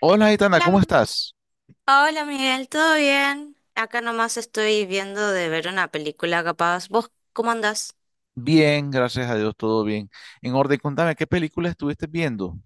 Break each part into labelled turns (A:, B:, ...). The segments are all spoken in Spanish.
A: Hola, Itana,
B: Hola,
A: ¿cómo estás?
B: hola Miguel, ¿todo bien? Acá nomás estoy viendo de ver una película capaz. ¿Vos cómo andás?
A: Bien, gracias a Dios, todo bien. En orden, contame, ¿qué película estuviste viendo?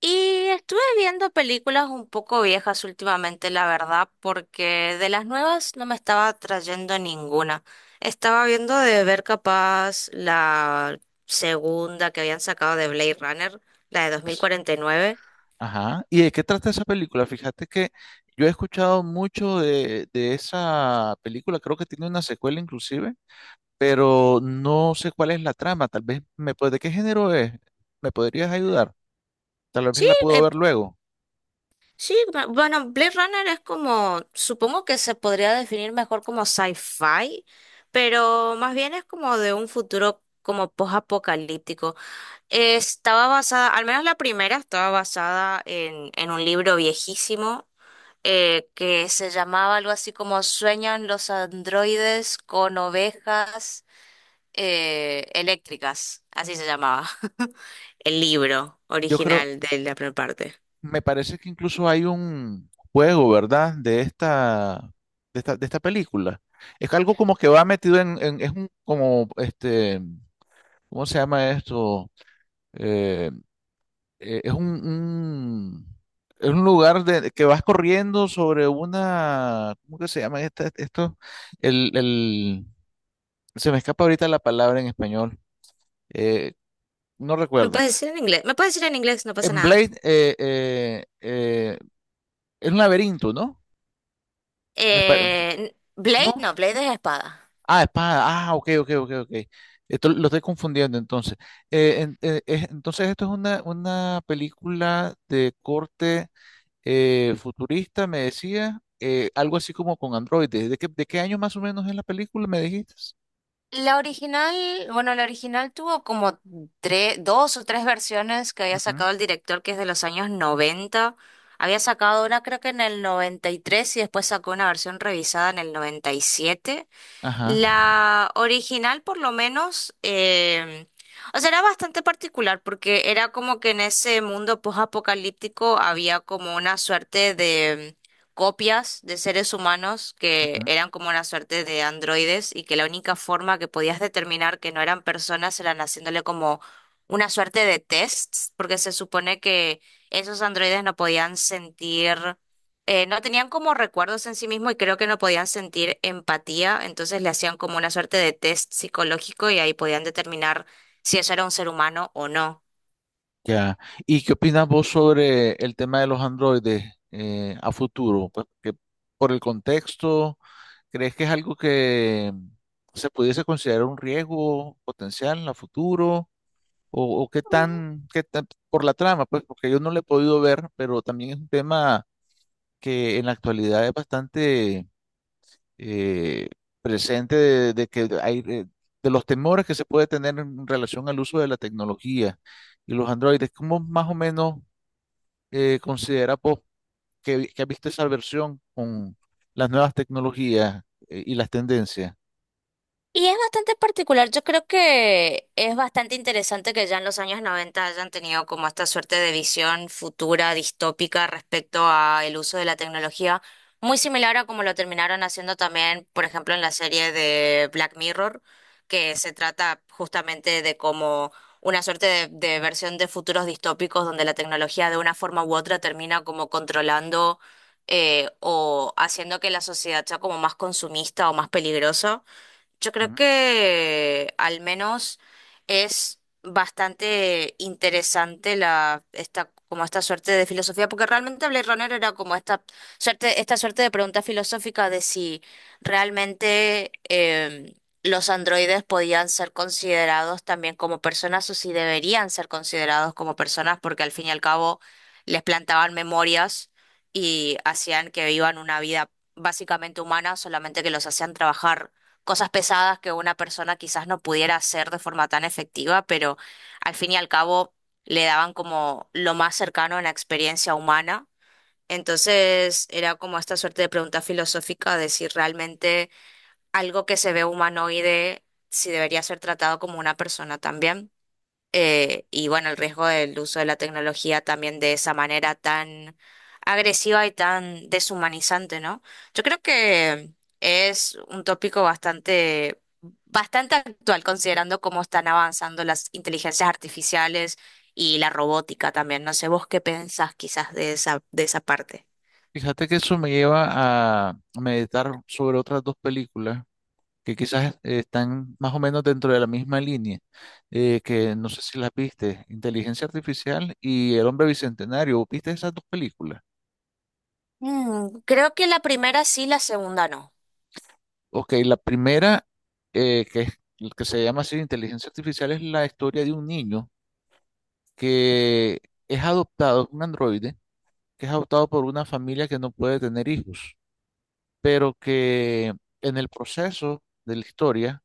B: Y estuve viendo películas un poco viejas últimamente, la verdad, porque de las nuevas no me estaba trayendo ninguna. Estaba viendo de ver capaz la segunda que habían sacado de Blade Runner, la de 2049.
A: Ajá. ¿Y de qué trata esa película? Fíjate que yo he escuchado mucho de esa película, creo que tiene una secuela inclusive, pero no sé cuál es la trama. Tal vez me puede, ¿de qué género es? ¿Me podrías ayudar? Tal vez
B: Sí,
A: la puedo ver luego.
B: sí, bueno, Blade Runner es como, supongo que se podría definir mejor como sci-fi, pero más bien es como de un futuro como post-apocalíptico. Estaba basada, al menos la primera, estaba basada en un libro viejísimo, que se llamaba algo así como Sueñan los androides con ovejas, eléctricas, así se llamaba el libro
A: Yo creo,
B: original de la primera parte.
A: me parece que incluso hay un juego, ¿verdad? De esta película. Es algo como que va metido en, es un, como, este, ¿cómo se llama esto? Eh, es un, es un lugar de, que vas corriendo sobre una, ¿cómo que se llama esto? El, el, se me escapa ahorita la palabra en español. Eh, no
B: Me
A: recuerdo.
B: puedes decir en inglés, me puedes decir en inglés, no pasa
A: En
B: nada.
A: Blade, es un laberinto, ¿no? Me pare- ¿No?
B: Blade, no, Blade es espada.
A: Ah, espada. Ah, ok, ok, ok, ok. Esto lo estoy confundiendo entonces. Entonces, esto es una película de corte futurista, me decía, algo así como con androides. De qué año más o menos es la película, me dijiste?
B: La original, bueno, la original tuvo como tres, dos o tres versiones que había
A: Ujú.
B: sacado el director, que es de los años 90. Había sacado una creo que en el 93 y después sacó una versión revisada en el 97.
A: Ajá,
B: La original, por lo menos, o sea, era bastante particular porque era como que en ese mundo post-apocalíptico había como una suerte de copias de seres humanos que
A: ujú.
B: eran como una suerte de androides y que la única forma que podías determinar que no eran personas eran haciéndole como una suerte de tests, porque se supone que esos androides no podían sentir, no tenían como recuerdos en sí mismo y creo que no podían sentir empatía, entonces le hacían como una suerte de test psicológico y ahí podían determinar si eso era un ser humano o no.
A: Ya. ¿Y qué opinas vos sobre el tema de los androides a futuro? Pues, que por el contexto, ¿crees que es algo que se pudiese considerar un riesgo potencial a futuro? O qué tan, por la trama, pues, porque yo no le he podido ver, pero también es un tema que en la actualidad es bastante eh, presente de que hay, de, los temores que se puede tener en relación al uso de la tecnología y los androides. ¿Cómo más o menos considera pues, que ha visto esa versión con las nuevas tecnologías y las tendencias?
B: Y es bastante particular, yo creo que es bastante interesante que ya en los años 90 hayan tenido como esta suerte de visión futura, distópica respecto a el uso de la tecnología, muy similar a como lo terminaron haciendo también, por ejemplo, en la serie de Black Mirror, que se trata justamente de como una suerte de versión de futuros distópicos donde la tecnología de una forma u otra termina como controlando, o haciendo que la sociedad sea como más consumista o más peligrosa. Yo creo
A: Ujú.
B: que al menos es bastante interesante la esta como esta suerte de filosofía, porque realmente Blade Runner era como esta suerte de pregunta filosófica de si realmente, los androides podían ser considerados también como personas o si deberían ser considerados como personas, porque al fin y al cabo les plantaban memorias y hacían que vivan una vida básicamente humana, solamente que los hacían trabajar cosas pesadas que una persona quizás no pudiera hacer de forma tan efectiva, pero al fin y al cabo le daban como lo más cercano a la experiencia humana. Entonces era como esta suerte de pregunta filosófica de si realmente algo que se ve humanoide, si debería ser tratado como una persona también. Y bueno, el riesgo del uso de la tecnología también de esa manera tan agresiva y tan deshumanizante, ¿no? Yo creo que es un tópico bastante, bastante actual, considerando cómo están avanzando las inteligencias artificiales y la robótica también. No sé, vos qué pensás quizás de esa parte.
A: Fíjate que eso me lleva a meditar sobre otras dos películas que quizás están más o menos dentro de la misma línea, que no sé si las viste, Inteligencia Artificial y El Hombre Bicentenario. ¿Viste esas dos películas?
B: Creo que la primera sí, la segunda no.
A: Ok, la primera, que, que se llama así Inteligencia Artificial, es la historia de un niño que es adoptado, un androide, que es adoptado por una familia que no puede tener hijos, pero que en el proceso de la historia,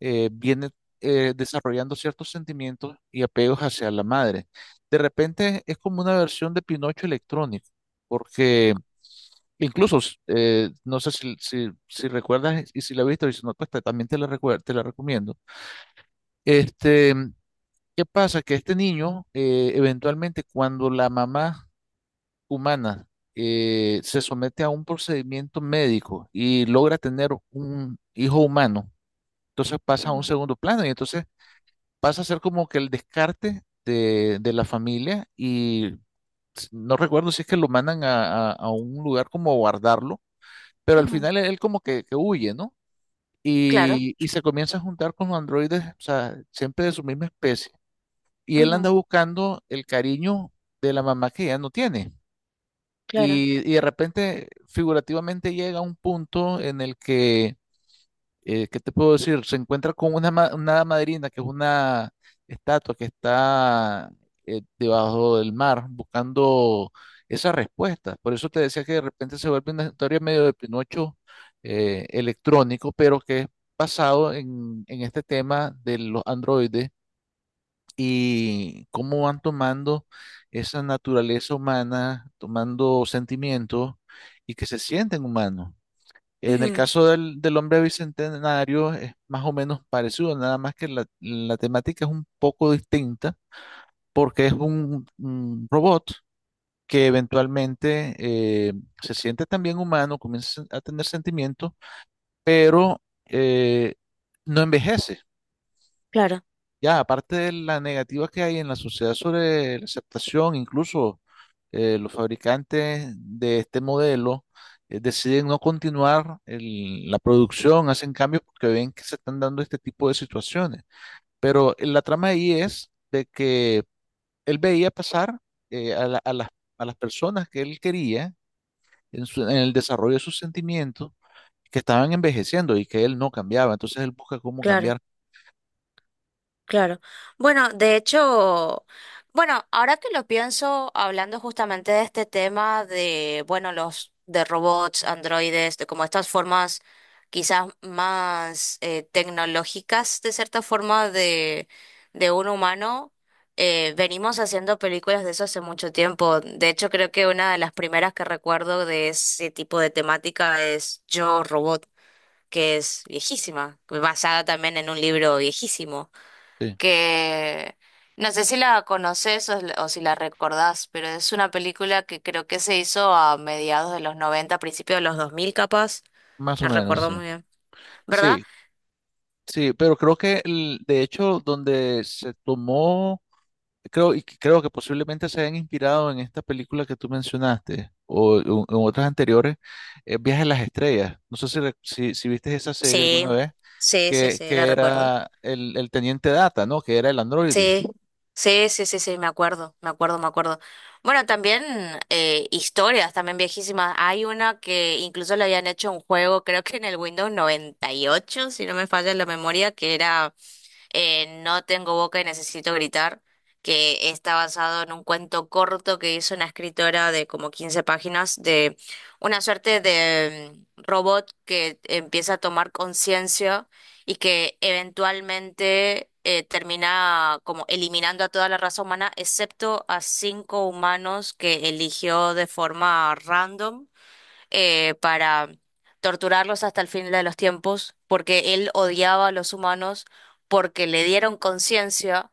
A: viene desarrollando ciertos sentimientos y apegos hacia la madre. De repente es como una versión de Pinocho electrónico, porque incluso, no sé si recuerdas y si la has visto, y si no, pues también te la, te la recomiendo. Este, ¿qué pasa? Que este niño, eventualmente, cuando la mamá humana se somete a un procedimiento médico y logra tener un hijo humano, entonces pasa a un
B: Ujú,
A: segundo plano y entonces pasa a ser como que el descarte de la familia y no recuerdo si es que lo mandan a, a un lugar como a guardarlo, pero al
B: ujú,
A: final él como que huye, ¿no?
B: claro,
A: Y se comienza a juntar con los androides, o sea, siempre de su misma especie. Y él anda
B: ujú,
A: buscando el cariño de la mamá que ya no tiene.
B: claro,
A: Y de repente, figurativamente, llega a un punto en el que ¿qué te puedo decir? Se encuentra con una, una hada madrina, que es una estatua que está debajo del mar buscando esas respuestas. Por eso te decía que de repente se vuelve una historia medio de Pinocho electrónico, pero que es basado en este tema de los androides y cómo van tomando esa naturaleza humana, tomando sentimientos y que se sienten humanos. En el
B: ujú,
A: caso del, del hombre bicentenario es más o menos parecido, nada más que la temática es un poco distinta porque es un robot que eventualmente se siente también humano, comienza a tener sentimientos, pero eh, no envejece.
B: claro,
A: Ya, aparte de la negativa que hay en la sociedad sobre la aceptación, incluso los fabricantes de este modelo deciden no continuar la producción, hacen cambios porque ven que se están dando este tipo de situaciones. Pero la trama ahí es de que él veía pasar a a las personas que él quería en, en el desarrollo de sus sentimientos que estaban envejeciendo y que él no cambiaba. Entonces él busca cómo
B: claro.
A: cambiar.
B: Claro. Bueno, de hecho, bueno, ahora que lo pienso, hablando justamente de este tema de, bueno, los de robots, androides, de como estas formas quizás más tecnológicas, de cierta forma, de un humano, venimos haciendo películas de eso hace mucho tiempo. De hecho, creo que una de las primeras que recuerdo de ese tipo de temática es Yo, Robot, que es viejísima, basada también en un libro viejísimo,
A: Sí,
B: que no sé si la conoces o si la recordás, pero es una película que creo que se hizo a mediados de los noventa, principios de los 2000 capaz,
A: más
B: la
A: o menos,
B: recuerdo
A: sí.
B: muy bien, ¿verdad?
A: Sí, sí, pero creo que de hecho donde se tomó, creo, y creo que posiblemente se hayan inspirado en esta película que tú mencionaste o en otras anteriores, es Viaje a las Estrellas. No sé si, si, si viste esa serie
B: Sí,
A: alguna vez,
B: sí, sí, sí, la
A: que
B: recuerdo.
A: era el Teniente Data, ¿no? Que era el androide.
B: Sí, sí, sí, sí, sí, me acuerdo, me acuerdo, me acuerdo. Bueno, también historias, también viejísimas. Hay una que incluso le habían hecho un juego, creo que en el Windows 98 si no me falla la memoria, que era, No tengo boca y necesito gritar, que está basado en un cuento corto que hizo una escritora de como 15 páginas, de una suerte de robot que empieza a tomar conciencia y que eventualmente termina como eliminando a toda la raza humana, excepto a cinco humanos que eligió de forma random, para torturarlos hasta el fin de los tiempos, porque él odiaba a los humanos, porque le dieron conciencia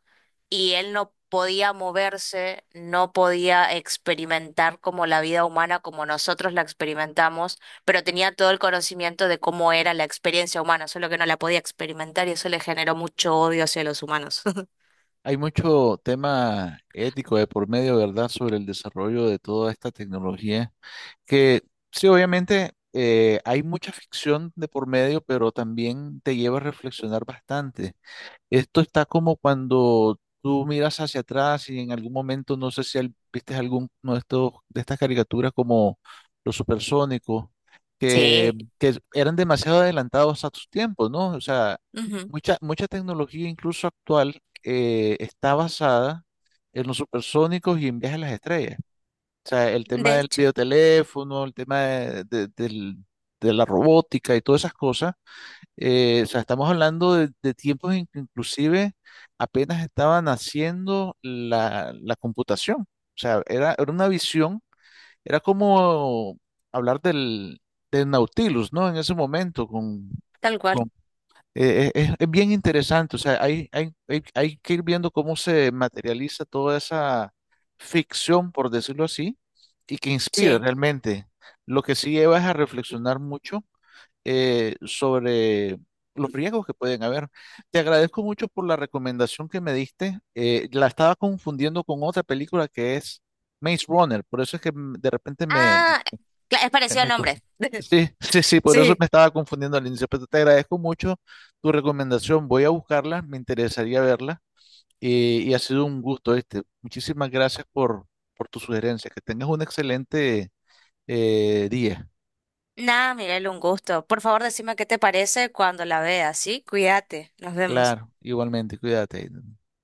B: y él no podía moverse, no podía experimentar como la vida humana, como nosotros la experimentamos, pero tenía todo el conocimiento de cómo era la experiencia humana, solo que no la podía experimentar y eso le generó mucho odio hacia los humanos.
A: Hay mucho tema ético de por medio, ¿verdad?, sobre el desarrollo de toda esta tecnología. Que sí, obviamente hay mucha ficción de por medio, pero también te lleva a reflexionar bastante. Esto está como cuando tú miras hacia atrás y en algún momento, no sé si viste alguno de estos, de estas caricaturas como los supersónicos, que,
B: Sí,
A: que eran demasiado adelantados a sus tiempos, ¿no? O sea,
B: ujú.
A: mucha, mucha tecnología, incluso actual, está basada en los supersónicos y en viajes a las estrellas. O sea, el tema
B: De
A: del
B: hecho,
A: videoteléfono, el tema de, de la robótica y todas esas cosas. O sea, estamos hablando de tiempos en que inclusive apenas estaba naciendo la, la computación. O sea, era, era una visión, era como hablar del, del Nautilus, ¿no? En ese momento, con,
B: tal cual,
A: es bien interesante, o sea, hay que ir viendo cómo se materializa toda esa ficción, por decirlo así, y que inspira
B: sí.
A: realmente. Lo que sí lleva es a reflexionar mucho sobre los riesgos que pueden haber. Te agradezco mucho por la recomendación que me diste. La estaba confundiendo con otra película que es Maze Runner, por eso es que mm, de repente me,
B: Ah, es
A: eh,
B: parecido al
A: me co-
B: nombre.
A: sí, sí, sí, por eso
B: Sí.
A: me estaba confundiendo al inicio, pero te agradezco mucho tu recomendación. Voy a buscarla, me interesaría verla y ha sido un gusto este. Muchísimas gracias por tu sugerencia. Que tengas un excelente día.
B: Nada, Miguel, un gusto. Por favor, decime qué te parece cuando la veas, ¿sí? Cuídate, nos vemos.
A: Claro, igualmente, cuídate.